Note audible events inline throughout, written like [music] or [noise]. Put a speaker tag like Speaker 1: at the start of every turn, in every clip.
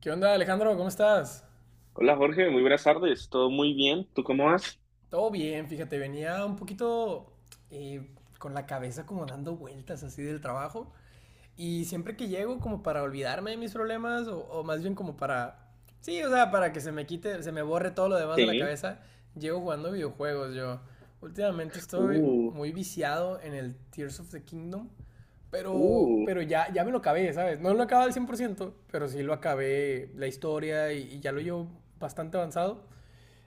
Speaker 1: ¿Qué onda, Alejandro? ¿Cómo estás?
Speaker 2: Hola Jorge, muy buenas tardes, todo muy bien, ¿tú cómo vas?
Speaker 1: Todo bien, fíjate, venía un poquito con la cabeza como dando vueltas así del trabajo. Y siempre que llego como para olvidarme de mis problemas o más bien como para, sí, o sea, para que se me quite, se me borre todo lo demás de la
Speaker 2: Sí,
Speaker 1: cabeza, llego jugando videojuegos yo. Últimamente estoy
Speaker 2: uh,
Speaker 1: muy viciado en el Tears of the Kingdom, pero,
Speaker 2: uh.
Speaker 1: pero ya, ya me lo acabé, ¿sabes? No lo acabé al 100%, pero sí lo acabé la historia y ya lo llevo bastante avanzado.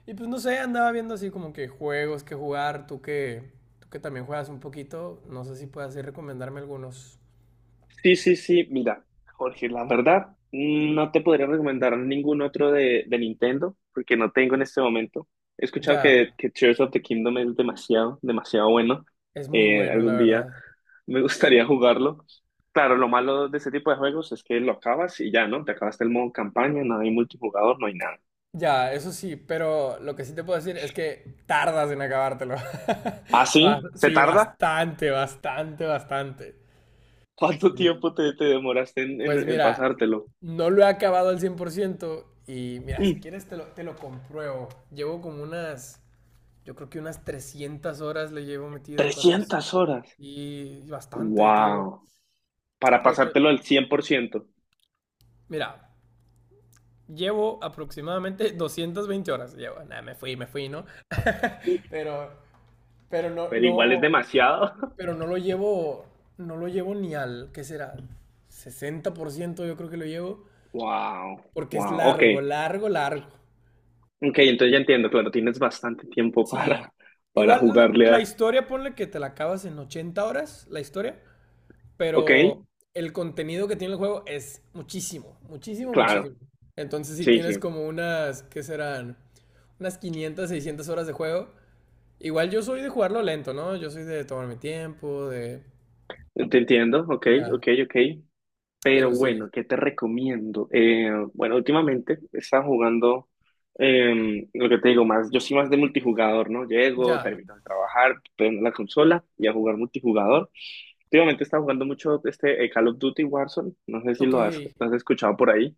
Speaker 1: Y pues no sé, andaba viendo así como que juegos que jugar, tú que también juegas un poquito, no sé si puedes así recomendarme algunos.
Speaker 2: Sí, sí, sí, mira, Jorge, la verdad, no te podría recomendar ningún otro de Nintendo, porque no tengo en este momento. He escuchado
Speaker 1: Ya,
Speaker 2: que Tears of the Kingdom es demasiado, demasiado bueno.
Speaker 1: es muy bueno, la
Speaker 2: Algún día
Speaker 1: verdad.
Speaker 2: me gustaría jugarlo. Claro, lo malo de este tipo de juegos es que lo acabas y ya, ¿no? Te acabaste el modo campaña, no hay multijugador, no hay nada.
Speaker 1: Ya, eso sí, pero lo que sí te puedo decir es que tardas en acabártelo.
Speaker 2: ¿Ah,
Speaker 1: [laughs]
Speaker 2: sí? ¿Se
Speaker 1: Sí,
Speaker 2: tarda?
Speaker 1: bastante, bastante, bastante.
Speaker 2: ¿Cuánto
Speaker 1: Sí.
Speaker 2: tiempo te demoraste en,
Speaker 1: Pues
Speaker 2: en- en
Speaker 1: mira,
Speaker 2: pasártelo?
Speaker 1: no lo he acabado al 100% y mira, si
Speaker 2: Mm,
Speaker 1: quieres te lo compruebo. Llevo como unas, yo creo que unas 300 horas le llevo metido, 400.
Speaker 2: 300 horas.
Speaker 1: Y bastante, te digo.
Speaker 2: Wow. Para
Speaker 1: Pero te-
Speaker 2: pasártelo al 100%.
Speaker 1: mira, llevo aproximadamente [laughs] 220 horas. Llevo, nada, me fui, ¿no? [laughs] Pero, pero no,
Speaker 2: Pero igual es
Speaker 1: no,
Speaker 2: demasiado. [laughs]
Speaker 1: pero no lo llevo ni al, ¿qué será? 60% yo creo que lo llevo,
Speaker 2: Wow.
Speaker 1: porque es
Speaker 2: Wow. Ok.
Speaker 1: largo, largo, largo.
Speaker 2: Ok, entonces ya entiendo. Claro, tienes bastante tiempo [laughs]
Speaker 1: Sí.
Speaker 2: para
Speaker 1: Igual la,
Speaker 2: jugarle
Speaker 1: la
Speaker 2: a.
Speaker 1: historia, ponle que te la acabas en 80 horas, la historia,
Speaker 2: Ok.
Speaker 1: pero el contenido que tiene el juego es muchísimo, muchísimo,
Speaker 2: Claro.
Speaker 1: muchísimo. Entonces, si
Speaker 2: Sí, sí.
Speaker 1: tienes como unas, ¿qué serán? Unas 500, 600 horas de juego. Igual yo soy de jugarlo lento, ¿no? Yo soy de tomar mi tiempo, de...
Speaker 2: Te entiendo. Ok,
Speaker 1: Ya.
Speaker 2: ok, ok. Pero
Speaker 1: Pero sí,
Speaker 2: bueno, ¿qué te recomiendo? Bueno, últimamente estaba jugando, lo que te digo, más, yo soy más de multijugador, ¿no? Llego,
Speaker 1: ya.
Speaker 2: termino de trabajar, prendo la consola y a jugar multijugador. Últimamente estaba jugando mucho este Call of Duty Warzone, no sé si
Speaker 1: Ok.
Speaker 2: lo has escuchado por ahí.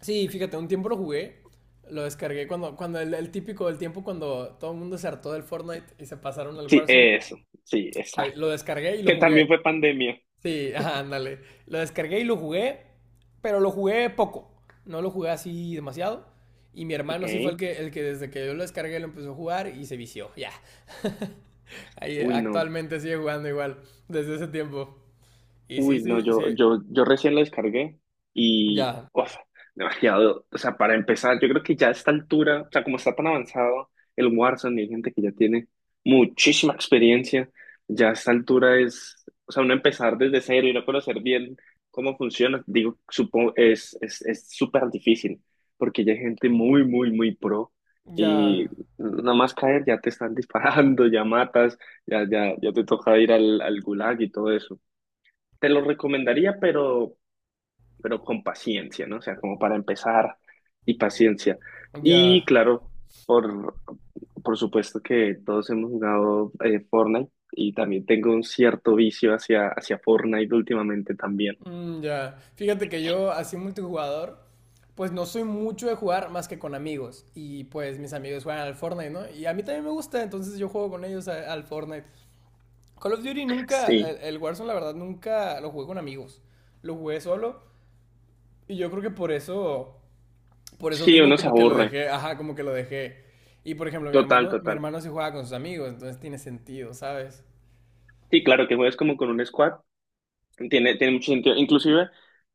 Speaker 1: Sí, fíjate, un tiempo lo jugué. Lo descargué cuando el típico del tiempo cuando todo el mundo se hartó del Fortnite y se pasaron al
Speaker 2: Sí,
Speaker 1: Warzone.
Speaker 2: eso, sí, esa.
Speaker 1: Ahí, lo descargué y lo
Speaker 2: Que
Speaker 1: jugué.
Speaker 2: también fue pandemia.
Speaker 1: Sí, [laughs] ajá, ándale. Lo descargué y lo jugué, pero lo jugué poco. No lo jugué así demasiado. Y mi
Speaker 2: Ok,
Speaker 1: hermano sí fue el que desde que yo lo descargué lo empezó a jugar y se vició, ya. [laughs] Ahí
Speaker 2: uy, no.
Speaker 1: actualmente sigue jugando igual, desde ese tiempo. Y sí,
Speaker 2: Uy, no,
Speaker 1: sí, sí.
Speaker 2: yo recién lo descargué y,
Speaker 1: Ya,
Speaker 2: uf, demasiado. O sea, para empezar, yo creo que ya a esta altura, o sea, como está tan avanzado el Warzone y hay gente que ya tiene muchísima experiencia, ya a esta altura es, o sea, uno empezar desde cero y no conocer bien cómo funciona, digo, supongo, es súper difícil, porque ya hay gente muy, muy, muy pro
Speaker 1: ya,
Speaker 2: y nada más caer ya te están [laughs] disparando, ya matas, ya, ya, ya te toca ir al gulag y todo eso. Te lo recomendaría, pero con paciencia, ¿no? O sea, como para empezar y paciencia. Y
Speaker 1: ya.
Speaker 2: claro, por, por supuesto que todos hemos jugado Fortnite y también tengo un cierto vicio hacia Fortnite últimamente también.
Speaker 1: Mm, ya. Fíjate que yo así multijugador, pues no soy mucho de jugar más que con amigos. Y pues mis amigos juegan al Fortnite, ¿no? Y a mí también me gusta, entonces yo juego con ellos al Fortnite. Call of Duty nunca, el,
Speaker 2: Sí,
Speaker 1: el Warzone la verdad nunca lo jugué con amigos, lo jugué solo y yo creo que por eso,
Speaker 2: sí,
Speaker 1: mismo
Speaker 2: uno se
Speaker 1: como que lo
Speaker 2: aburre.
Speaker 1: dejé, ajá, como que lo dejé. Y por ejemplo, mi
Speaker 2: Total,
Speaker 1: hermano, mi
Speaker 2: total.
Speaker 1: hermano sí jugaba con sus amigos, entonces tiene sentido, ¿sabes?
Speaker 2: Sí, claro que juegas como con un squad. Tiene mucho sentido. Inclusive,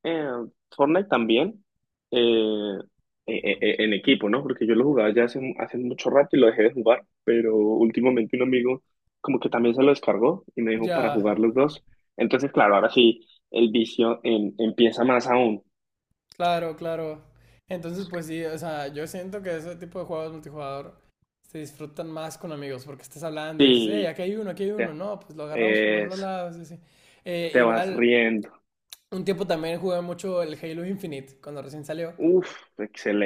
Speaker 2: eh, Fortnite también, eh, en equipo, ¿no? Porque yo lo jugaba ya hace mucho rato y lo dejé de jugar, pero últimamente un amigo como que también se lo descargó y me dijo para
Speaker 1: Ya,
Speaker 2: jugar los dos. Entonces, claro, ahora sí, el vicio empieza más aún.
Speaker 1: claro, claro. Entonces, pues sí, o sea, yo siento que ese tipo de juegos multijugador se disfrutan más con amigos porque estás hablando y dices, hey,
Speaker 2: Sí,
Speaker 1: aquí hay
Speaker 2: te,
Speaker 1: uno, no, pues lo agarramos por los dos
Speaker 2: es-
Speaker 1: lados, y así.
Speaker 2: te vas
Speaker 1: Igual,
Speaker 2: riendo.
Speaker 1: un tiempo también jugué mucho el Halo Infinite cuando recién salió.
Speaker 2: Uf,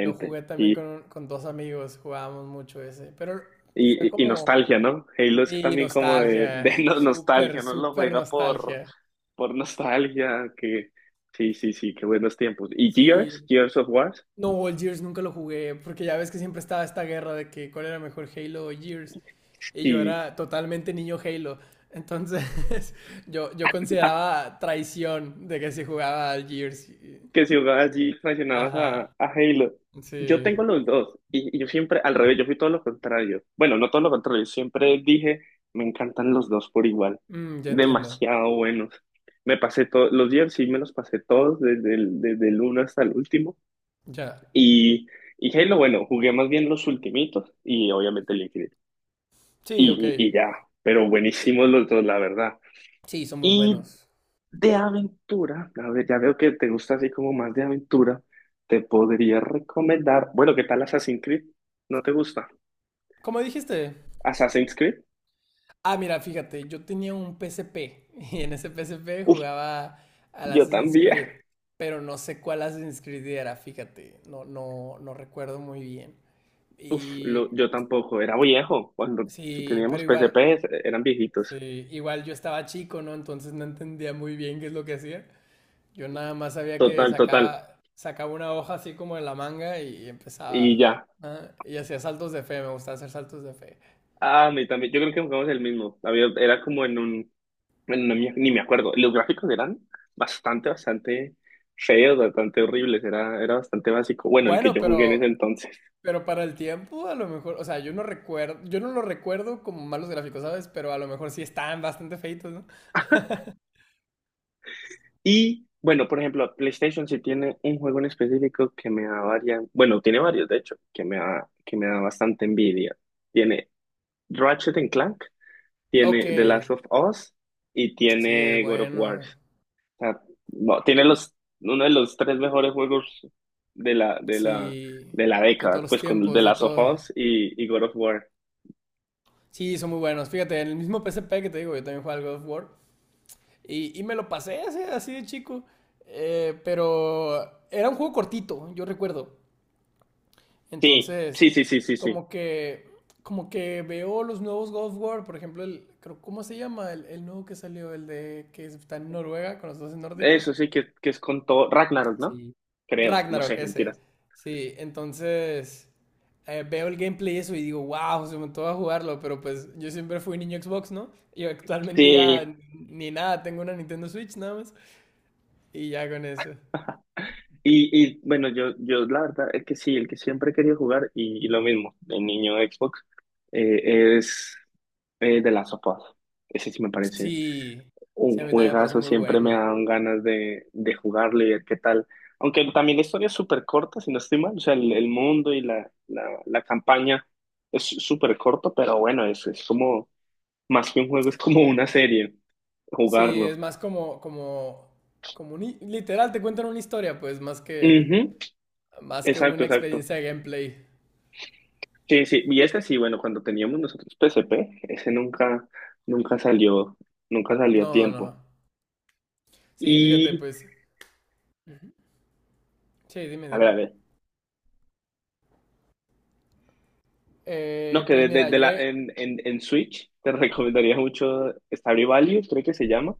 Speaker 1: Lo jugué también
Speaker 2: Sí,
Speaker 1: con dos amigos, jugábamos mucho ese, pero fue
Speaker 2: y
Speaker 1: como,
Speaker 2: nostalgia, ¿no? Halo es
Speaker 1: sí,
Speaker 2: también como de, [laughs]
Speaker 1: nostalgia,
Speaker 2: de
Speaker 1: súper,
Speaker 2: nostalgia, ¿no? Lo
Speaker 1: súper
Speaker 2: juega por...
Speaker 1: nostalgia.
Speaker 2: por nostalgia, que sí, sí, sí, qué buenos tiempos. Y Gears,
Speaker 1: Sí,
Speaker 2: Gears of War,
Speaker 1: no, o el Gears nunca lo jugué, porque ya ves que siempre estaba esta guerra de que cuál era mejor Halo o Gears, y yo
Speaker 2: y
Speaker 1: era totalmente niño Halo, entonces [laughs] yo
Speaker 2: ja,
Speaker 1: consideraba traición de que se jugaba al Gears.
Speaker 2: que si jugabas Gears mencionabas a,
Speaker 1: Ajá,
Speaker 2: a Halo. Yo
Speaker 1: sí.
Speaker 2: tengo los dos, y yo siempre, al revés, yo fui todo lo contrario. Bueno, no todo lo contrario, siempre dije, me encantan los dos por igual,
Speaker 1: Ya entiendo,
Speaker 2: demasiado buenos. Me pasé todos, los Gears sí me los pasé todos, desde el uno hasta el último,
Speaker 1: ya.
Speaker 2: y. Y Halo, bueno, jugué más bien los ultimitos y obviamente el Infinite.
Speaker 1: Sí, ok,
Speaker 2: Y ya, pero buenísimos los dos, la verdad.
Speaker 1: sí, son muy
Speaker 2: Y
Speaker 1: buenos.
Speaker 2: de aventura, a ver, ya veo que te gusta así como más de aventura, te podría recomendar, bueno, ¿qué tal Assassin's Creed? ¿No te gusta?
Speaker 1: Como dijiste.
Speaker 2: ¿Assassin's Creed?
Speaker 1: Ah, mira, fíjate, yo tenía un PSP [laughs] y en ese PSP
Speaker 2: Uf,
Speaker 1: jugaba al
Speaker 2: yo
Speaker 1: Assassin's
Speaker 2: también.
Speaker 1: Creed, pero no sé cuál Assassin's Creed era, fíjate, no, no, no recuerdo muy bien.
Speaker 2: Uf,
Speaker 1: Y
Speaker 2: yo tampoco, era viejo, cuando si
Speaker 1: sí, pero
Speaker 2: teníamos
Speaker 1: igual,
Speaker 2: PSP eran viejitos,
Speaker 1: sí, igual yo estaba chico, ¿no? Entonces no entendía muy bien qué es lo que hacía. Yo nada más sabía que
Speaker 2: total, total,
Speaker 1: sacaba una hoja así como de la manga y
Speaker 2: y
Speaker 1: empezaba,
Speaker 2: ya.
Speaker 1: ah, y hacía saltos de fe, me gustaba hacer saltos de fe.
Speaker 2: Ah, a mí también, yo creo que jugamos el mismo. Era como en un. Bueno, ni me acuerdo. Los gráficos eran bastante, bastante feos, bastante horribles. Era bastante básico. Bueno, el que
Speaker 1: Bueno,
Speaker 2: yo jugué en ese
Speaker 1: pero
Speaker 2: entonces.
Speaker 1: Pero para el tiempo, a lo mejor, o sea, yo no recuerdo, yo no lo recuerdo como malos gráficos, ¿sabes? Pero a lo mejor sí están bastante feitos, ¿no? [laughs]
Speaker 2: Y bueno, por ejemplo, PlayStation sí tiene un juego en específico que me da varias, bueno, tiene varios de hecho, que me da bastante envidia. Tiene Ratchet and Clank,
Speaker 1: Ok,
Speaker 2: tiene The Last of Us y
Speaker 1: sí, es
Speaker 2: tiene God of War.
Speaker 1: bueno.
Speaker 2: O sea, no, tiene los, uno de los tres mejores juegos de la, de la,
Speaker 1: Sí,
Speaker 2: de la
Speaker 1: de todos
Speaker 2: década,
Speaker 1: los
Speaker 2: pues con el de
Speaker 1: tiempos, de
Speaker 2: Last of
Speaker 1: todo.
Speaker 2: Us y God of War.
Speaker 1: Sí, son muy buenos. Fíjate, en el mismo PSP que te digo, yo también jugaba al God of War. Y me lo pasé así, así de chico. Pero era un juego cortito, yo recuerdo.
Speaker 2: Sí,
Speaker 1: Entonces,
Speaker 2: sí, sí, sí, sí, sí.
Speaker 1: como que, como que veo los nuevos God of War, por ejemplo, ¿cómo se llama? El nuevo que salió, el de que está en Noruega con los dos nórdicos.
Speaker 2: Eso sí que es con todo. Ragnarok, ¿no?
Speaker 1: Sí.
Speaker 2: Creo, no
Speaker 1: Ragnarok,
Speaker 2: sé,
Speaker 1: ese.
Speaker 2: mentiras.
Speaker 1: Sí, entonces veo el gameplay y eso y digo, wow, se me antoja jugarlo, pero pues yo siempre fui niño Xbox, ¿no? Y actualmente ya
Speaker 2: Sí,
Speaker 1: ni nada, tengo una Nintendo Switch nada más y ya con eso.
Speaker 2: y bueno, yo la verdad es que sí, el que siempre he querido jugar, y lo mismo, el niño Xbox, es de Last of Us. Ese sí me parece.
Speaker 1: Sí,
Speaker 2: Un
Speaker 1: sí, a mí también me parece
Speaker 2: juegazo,
Speaker 1: muy
Speaker 2: siempre me
Speaker 1: bueno.
Speaker 2: dan ganas de jugarlo y ver qué tal. Aunque también la historia es súper corta, si no estoy mal. O sea, el mundo y la campaña es súper corto, pero bueno, es como, más que un juego, es como una serie,
Speaker 1: Sí, es
Speaker 2: jugarlo.
Speaker 1: más como, un literal, te cuentan una historia, pues, más que,
Speaker 2: Ujú.
Speaker 1: más que
Speaker 2: Exacto,
Speaker 1: una
Speaker 2: exacto.
Speaker 1: experiencia de gameplay.
Speaker 2: Sí, sí. Y ese sí, bueno, cuando teníamos nosotros PSP, ese nunca, nunca salió, nunca salió a
Speaker 1: No, no.
Speaker 2: tiempo.
Speaker 1: Sí, fíjate,
Speaker 2: Y,
Speaker 1: pues. Sí, dime,
Speaker 2: a ver, a
Speaker 1: dime.
Speaker 2: ver. No,
Speaker 1: Eh,
Speaker 2: que
Speaker 1: pues
Speaker 2: de, de-
Speaker 1: mira,
Speaker 2: de
Speaker 1: yo
Speaker 2: la,
Speaker 1: he...
Speaker 2: en Switch te [laughs] recomendaría mucho Stardew Valley, creo que se llama.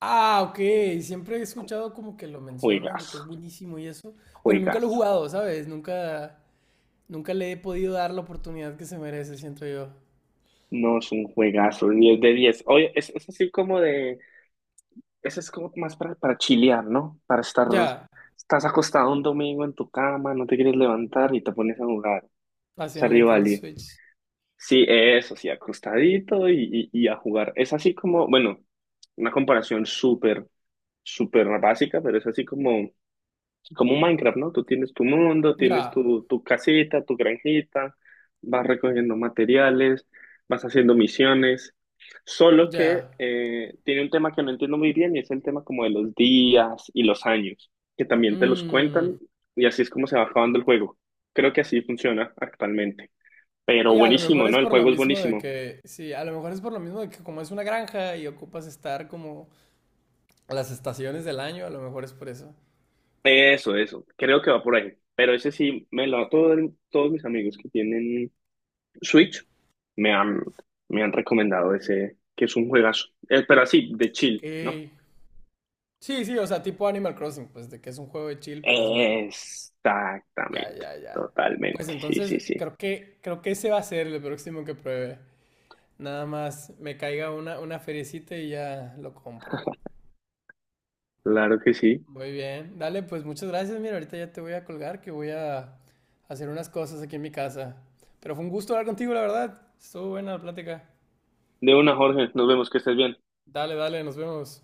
Speaker 1: Ah, ok. Siempre he escuchado como que lo mencionan, de que es
Speaker 2: Juegazo,
Speaker 1: buenísimo y eso, pero nunca lo he
Speaker 2: juegazo.
Speaker 1: jugado, ¿sabes? Nunca, nunca le he podido dar la oportunidad que se merece, siento yo.
Speaker 2: No, es un juegazo, 10 de 10. Oye, es así como de, eso es como más para chilear, ¿no? Para estar,
Speaker 1: Ya,
Speaker 2: estás acostado un domingo en tu cama, no te quieres levantar y te pones a jugar.
Speaker 1: así en la
Speaker 2: Stardew
Speaker 1: Nintendo
Speaker 2: Valley.
Speaker 1: Switch.
Speaker 2: Sí, eso, sí, acostadito y a jugar. Es así como, bueno, una comparación súper, súper básica, pero es así como un Minecraft, ¿no? Tú tienes tu mundo, tienes
Speaker 1: Ya,
Speaker 2: tu casita, tu granjita, vas recogiendo materiales, vas haciendo misiones. Solo que
Speaker 1: ya.
Speaker 2: tiene un tema que no entiendo muy bien y es el tema como de los días y los años, que también te los
Speaker 1: Mmm.
Speaker 2: cuentan y así es como se va acabando el juego. Creo que así funciona actualmente. Pero
Speaker 1: Y a lo mejor
Speaker 2: buenísimo,
Speaker 1: es
Speaker 2: ¿no? El
Speaker 1: por lo
Speaker 2: juego es
Speaker 1: mismo de
Speaker 2: buenísimo.
Speaker 1: que, sí, a lo mejor es por lo mismo de que como es una granja y ocupas estar como a las estaciones del año, a lo mejor es por eso.
Speaker 2: Eso, eso. Creo que va por ahí. Pero ese sí me lo a todos mis amigos que tienen Switch, me han, me han recomendado ese, que es un juegazo. Pero así, de
Speaker 1: Ok.
Speaker 2: chill, ¿no?
Speaker 1: Sí, sí, o sea, tipo Animal Crossing, pues de que es un juego de chill, pero es bueno. Ya,
Speaker 2: Exactamente,
Speaker 1: ya, ya. Pues
Speaker 2: totalmente. Sí,
Speaker 1: entonces
Speaker 2: sí, sí.
Speaker 1: creo que ese va a ser el próximo que pruebe. Nada más me caiga una feriecita y ya lo compro.
Speaker 2: Claro que sí.
Speaker 1: Muy bien, dale, pues muchas gracias. Mira, ahorita ya te voy a colgar que voy a hacer unas cosas aquí en mi casa. Pero fue un gusto hablar contigo, la verdad. Estuvo buena la plática.
Speaker 2: De una, Jorge, nos vemos, que estés bien.
Speaker 1: Dale, dale, nos vemos.